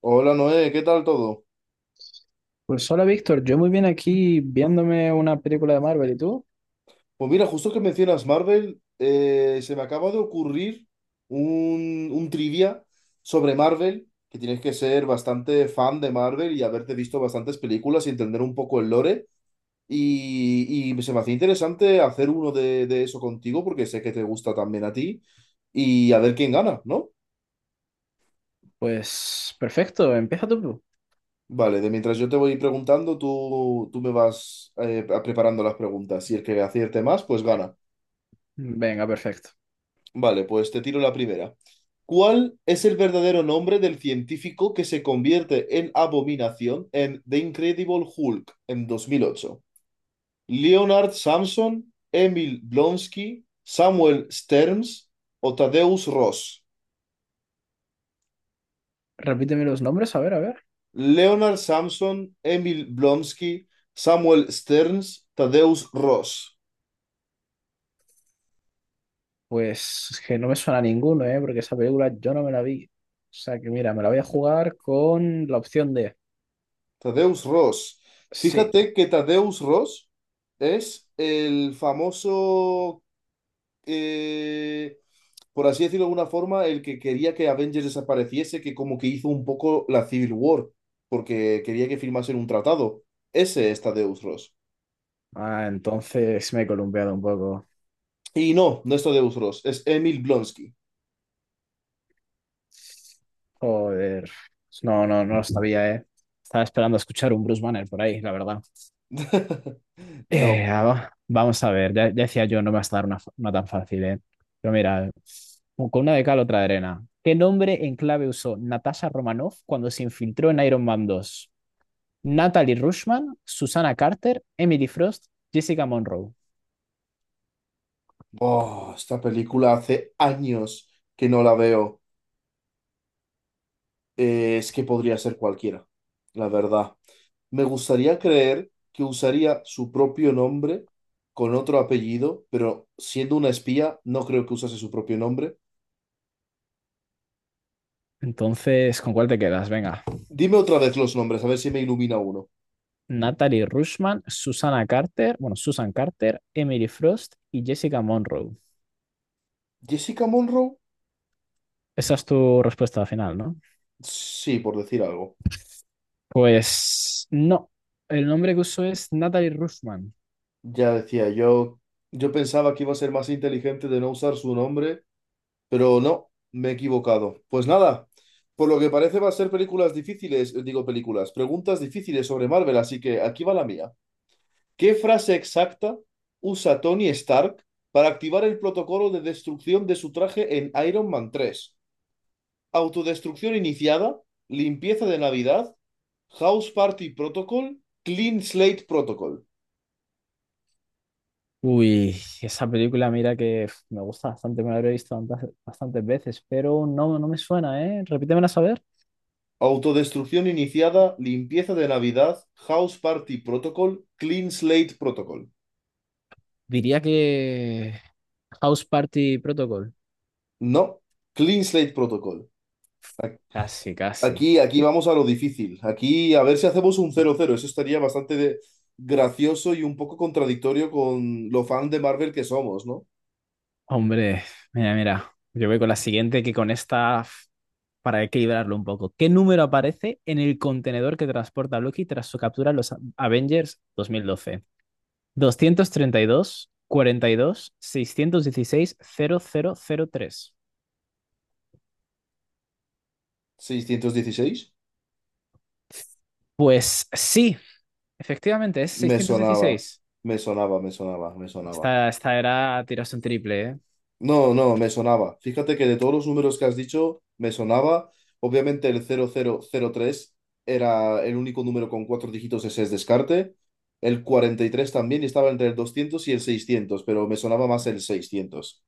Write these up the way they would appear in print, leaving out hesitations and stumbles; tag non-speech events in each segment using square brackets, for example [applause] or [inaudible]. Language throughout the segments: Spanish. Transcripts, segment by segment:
Hola Noé, ¿qué tal todo? Pues hola Víctor, yo muy bien aquí viéndome una película de Marvel, ¿y tú? Pues mira, justo que mencionas Marvel, se me acaba de ocurrir un trivia sobre Marvel, que tienes que ser bastante fan de Marvel y haberte visto bastantes películas y entender un poco el lore. Y se me hacía interesante hacer uno de eso contigo porque sé que te gusta también a ti y a ver quién gana, ¿no? Pues perfecto, empieza tú. Vale, de mientras yo te voy preguntando, tú me vas preparando las preguntas y el que acierte más, pues gana. Venga, perfecto. Vale, pues te tiro la primera. ¿Cuál es el verdadero nombre del científico que se convierte en abominación en The Incredible Hulk en 2008? ¿Leonard Samson, Emil Blonsky, Samuel Sterns o Tadeusz Ross? Repíteme los nombres, a ver, a ver. Leonard Samson, Emil Blonsky, Samuel Sterns, Tadeusz Ross. Pues es que no me suena ninguno, ¿eh? Porque esa película yo no me la vi. O sea que mira, me la voy a jugar con la opción D. Tadeusz Ross. Sí. Fíjate que Tadeusz Ross es el famoso, eh, por así decirlo de alguna forma, el que quería que Avengers desapareciese, que como que hizo un poco la Civil War, porque quería que firmasen un tratado. Ese está Deus Ross. Ah, entonces me he columpiado un poco. Y no, no es Deus Ross, es Emil Blonsky. Joder. No, no, no lo sabía, ¿eh? Estaba esperando a escuchar un Bruce Banner por ahí, la verdad. [laughs] No, Ah, vamos a ver, ya, ya decía yo, no me vas a dar una, una tan fácil, ¿eh? Pero mira, con una de cal, otra de arena. ¿Qué nombre en clave usó Natasha Romanoff cuando se infiltró en Iron Man 2? Natalie Rushman, Susana Carter, Emily Frost, Jessica Monroe. oh, esta película hace años que no la veo. Es que podría ser cualquiera, la verdad. Me gustaría creer que usaría su propio nombre con otro apellido, pero siendo una espía, no creo que usase su propio nombre. Entonces, ¿con cuál te quedas? Venga. Dime otra vez los nombres, a ver si me ilumina uno. Natalie Rushman, Susana Carter, bueno, Susan Carter, Emily Frost y Jessica Monroe. Jessica Monroe, Esa es tu respuesta final, ¿no? sí, por decir algo. Pues no. El nombre que usó es Natalie Rushman. Ya decía yo, yo pensaba que iba a ser más inteligente de no usar su nombre, pero no, me he equivocado. Pues nada, por lo que parece va a ser películas difíciles, digo películas, preguntas difíciles sobre Marvel, así que aquí va la mía. ¿Qué frase exacta usa Tony Stark para activar el protocolo de destrucción de su traje en Iron Man 3? Autodestrucción iniciada, limpieza de Navidad, House Party Protocol, Clean Slate Protocol. Uy, esa película, mira que uf, me gusta bastante, me la habré visto bastantes veces, pero no, no me suena, ¿eh? Repítemela a saber. Autodestrucción iniciada, limpieza de Navidad, House Party Protocol, Clean Slate Protocol. Diría que House Party Protocol. No, Clean Slate Protocol. Casi, casi. Aquí, aquí vamos a lo difícil. Aquí a ver si hacemos un 0-0. Eso estaría bastante gracioso y un poco contradictorio con lo fan de Marvel que somos, ¿no? Hombre, mira, mira. Yo voy con la siguiente que con esta, uf, para equilibrarlo un poco. ¿Qué número aparece en el contenedor que transporta Loki tras su captura en los Avengers 2012? 232, 42, 616, 0003. 616. Pues sí. Efectivamente, es Me seiscientos sonaba, dieciséis me sonaba, me sonaba, me sonaba. Esta era, tiraste un triple, ¿eh? No, no, me sonaba. Fíjate que de todos los números que has dicho, me sonaba. Obviamente el 0003 era el único número con cuatro dígitos, ese es descarte. El 43 también y estaba entre el 200 y el 600, pero me sonaba más el 600.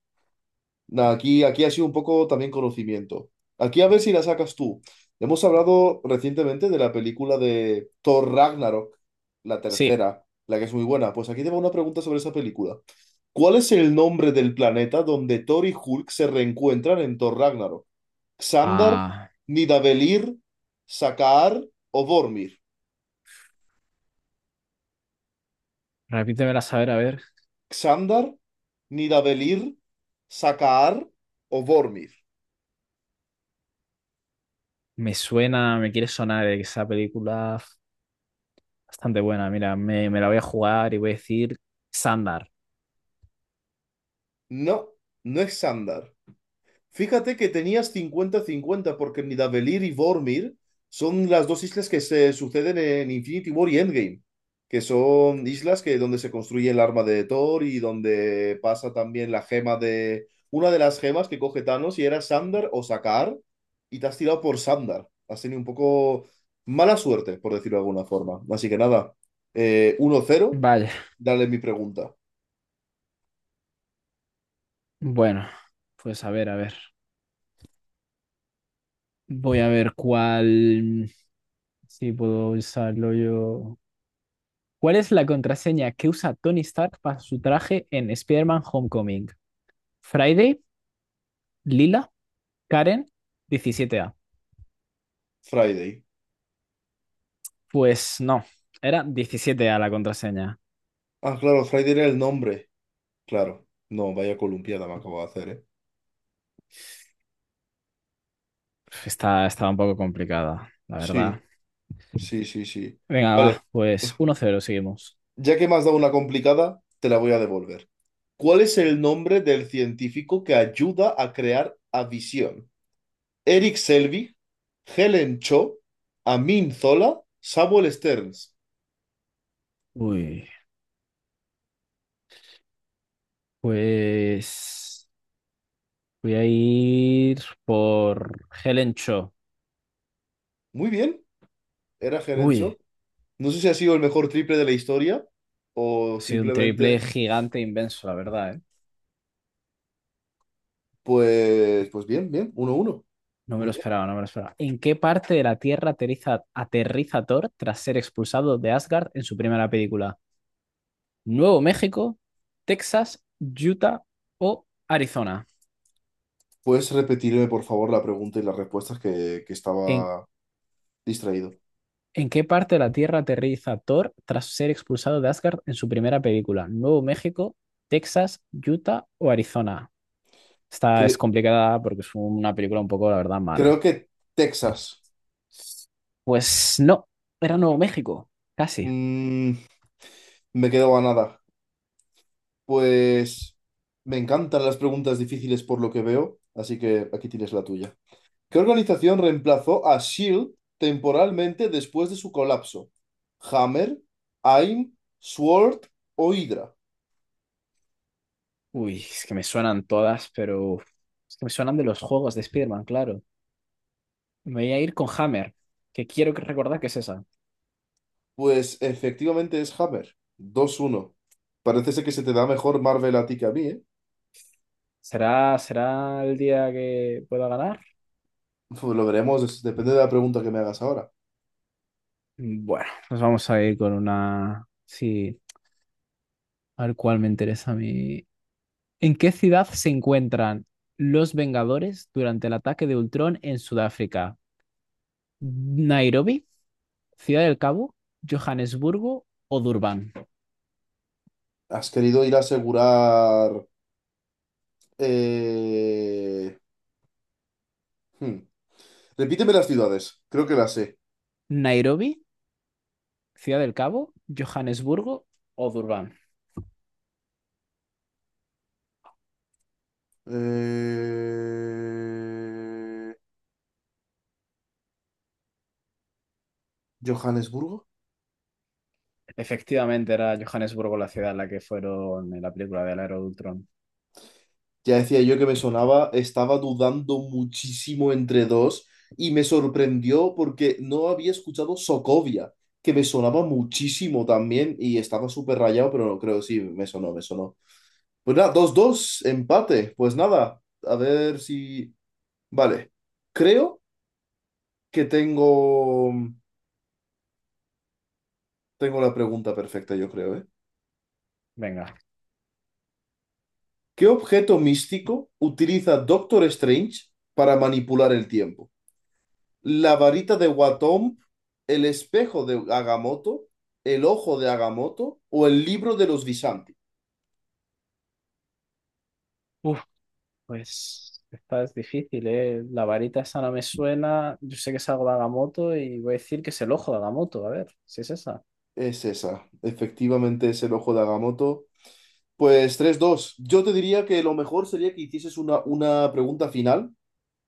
Nah, aquí, aquí ha sido un poco también conocimiento. Aquí a ver si la sacas tú. Hemos hablado recientemente de la película de Thor Ragnarok, la Sí. tercera, la que es muy buena. Pues aquí te va una pregunta sobre esa película. ¿Cuál es el nombre del planeta donde Thor y Hulk se reencuentran en Thor Ragnarok? ¿Xandar, Ah, Nidavellir, Sakaar o Vormir? repítemela, a ver, a ver. ¿Xandar, Nidavellir, Sakaar o Vormir? Me suena, me quiere sonar esa película bastante buena. Mira, me la voy a jugar y voy a decir Sandar. No, no es Xandar. Fíjate que tenías 50-50 porque Nidavellir y Vormir son las dos islas que se suceden en Infinity War y Endgame, que son islas que donde se construye el arma de Thor y donde pasa también la gema de una de las gemas que coge Thanos y era Sandar o Sakaar y te has tirado por Sandar. Has tenido un poco mala suerte, por decirlo de alguna forma. Así que nada, 1-0, Vale. dale mi pregunta. Bueno, pues a ver, a ver. Voy a ver cuál. Si puedo usarlo yo. ¿Cuál es la contraseña que usa Tony Stark para su traje en Spider-Man Homecoming? ¿Friday? ¿Lila? Karen, 17, 17A. Friday. Pues no, era 17A la contraseña. Ah, claro, Friday era el nombre. Claro, no, vaya columpiada me acabo de hacer, ¿eh? Estaba un poco complicada, la Sí, verdad. sí, sí, sí. Venga, Vale, va, pues 1-0 seguimos. ya que me has dado una complicada, te la voy a devolver. ¿Cuál es el nombre del científico que ayuda a crear a Visión? Eric Selvig, Helen Cho, Amin Zola, Samuel Stearns. Uy, pues voy a ir por Helen Cho. Muy bien, era Helen Uy, Cho. No sé si ha sido el mejor triple de la historia o ha sido un triple simplemente, gigante inmenso, la verdad, ¿eh? pues bien, bien, 1-1. No me Muy lo esperaba, no me lo esperaba. ¿En qué parte de la Tierra aterriza Thor tras ser expulsado de Asgard en su primera película? ¿Nuevo México, Texas, Utah o Arizona? ¿Puedes repetirme, por favor, la pregunta y las respuestas, que ¿En estaba distraído? ¿En qué parte de la Tierra aterriza Thor tras ser expulsado de Asgard en su primera película? ¿Nuevo México, Texas, Utah o Arizona? Esta es Cre- complicada porque es una película un poco, la verdad, creo mala. que Texas. Pues no, era Nuevo México, casi. Mm, me quedo a nada. Pues me encantan las preguntas difíciles por lo que veo, así que aquí tienes la tuya. ¿Qué organización reemplazó a SHIELD temporalmente después de su colapso? ¿Hammer, AIM, SWORD o Hydra? Uy, es que me suenan todas, pero uf, es que me suenan de los juegos de Spider-Man, claro. Me voy a ir con Hammer, que quiero recordar que es esa. Pues efectivamente es Hammer. 2-1. Parece ser que se te da mejor Marvel a ti que a mí, ¿eh? ¿Será, será el día que pueda ganar? Pues lo veremos, depende de la pregunta que me hagas ahora. Bueno, nos vamos a ir con una. Sí. A ver cuál me interesa a mí. ¿En qué ciudad se encuentran los Vengadores durante el ataque de Ultron en Sudáfrica? ¿Nairobi, Ciudad del Cabo, Johannesburgo o Durban? ¿Has querido ir a asegurar... eh, hmm. Repíteme las ciudades, creo que las sé. ¿Nairobi, Ciudad del Cabo, Johannesburgo o Durban? Eh, ¿Johannesburgo? Efectivamente, era Johannesburgo la ciudad en la que fueron en la película del Aero de Ultron. Ya decía yo que me sonaba, estaba dudando muchísimo entre dos y me sorprendió porque no había escuchado Sokovia, que me sonaba muchísimo también y estaba súper rayado, pero no creo, sí, me sonó, me sonó. Pues nada, 2-2 empate. Pues nada, a ver si... Vale, creo que tengo... Tengo la pregunta perfecta, yo creo, ¿eh? Venga. ¿Qué objeto místico utiliza Doctor Strange para manipular el tiempo? ¿La varita de Watom, el espejo de Agamotto, el ojo de Agamotto o el libro de los Visanti? Uf, pues esta es difícil, ¿eh? La varita esa no me suena. Yo sé que es algo de Agamotto y voy a decir que es el ojo de Agamotto. A ver, si es esa. Es esa, efectivamente es el ojo de Agamotto. Pues 3-2. Yo te diría que lo mejor sería que hicieses una pregunta final.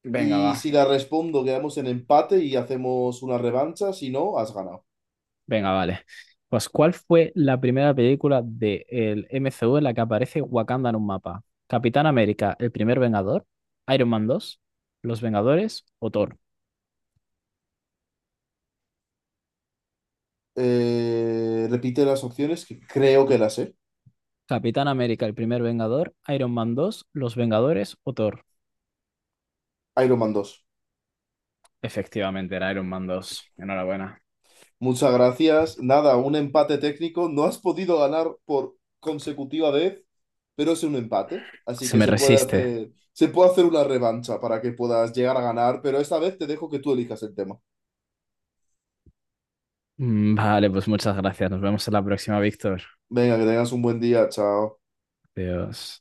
Venga, va. Y si la respondo, quedamos en empate y hacemos una revancha. Si no, has ganado. Venga, vale. Pues, ¿cuál fue la primera película del MCU en la que aparece Wakanda en un mapa? ¿Capitán América, el primer Vengador? ¿Iron Man 2? ¿Los Vengadores o Thor? Repite las opciones, que creo que las sé. Capitán América, el primer Vengador, Iron Man dos, Los Vengadores o Thor. Iron Man 2. Efectivamente, era Iron Man 2. Enhorabuena. Muchas gracias. Nada, un empate técnico. No has podido ganar por consecutiva vez, pero es un empate. Así Se que me resiste. Se puede hacer una revancha para que puedas llegar a ganar, pero esta vez te dejo que tú elijas el tema. Vale, pues muchas gracias. Nos vemos en la próxima, Víctor. Venga, que tengas un buen día. Chao. Adiós.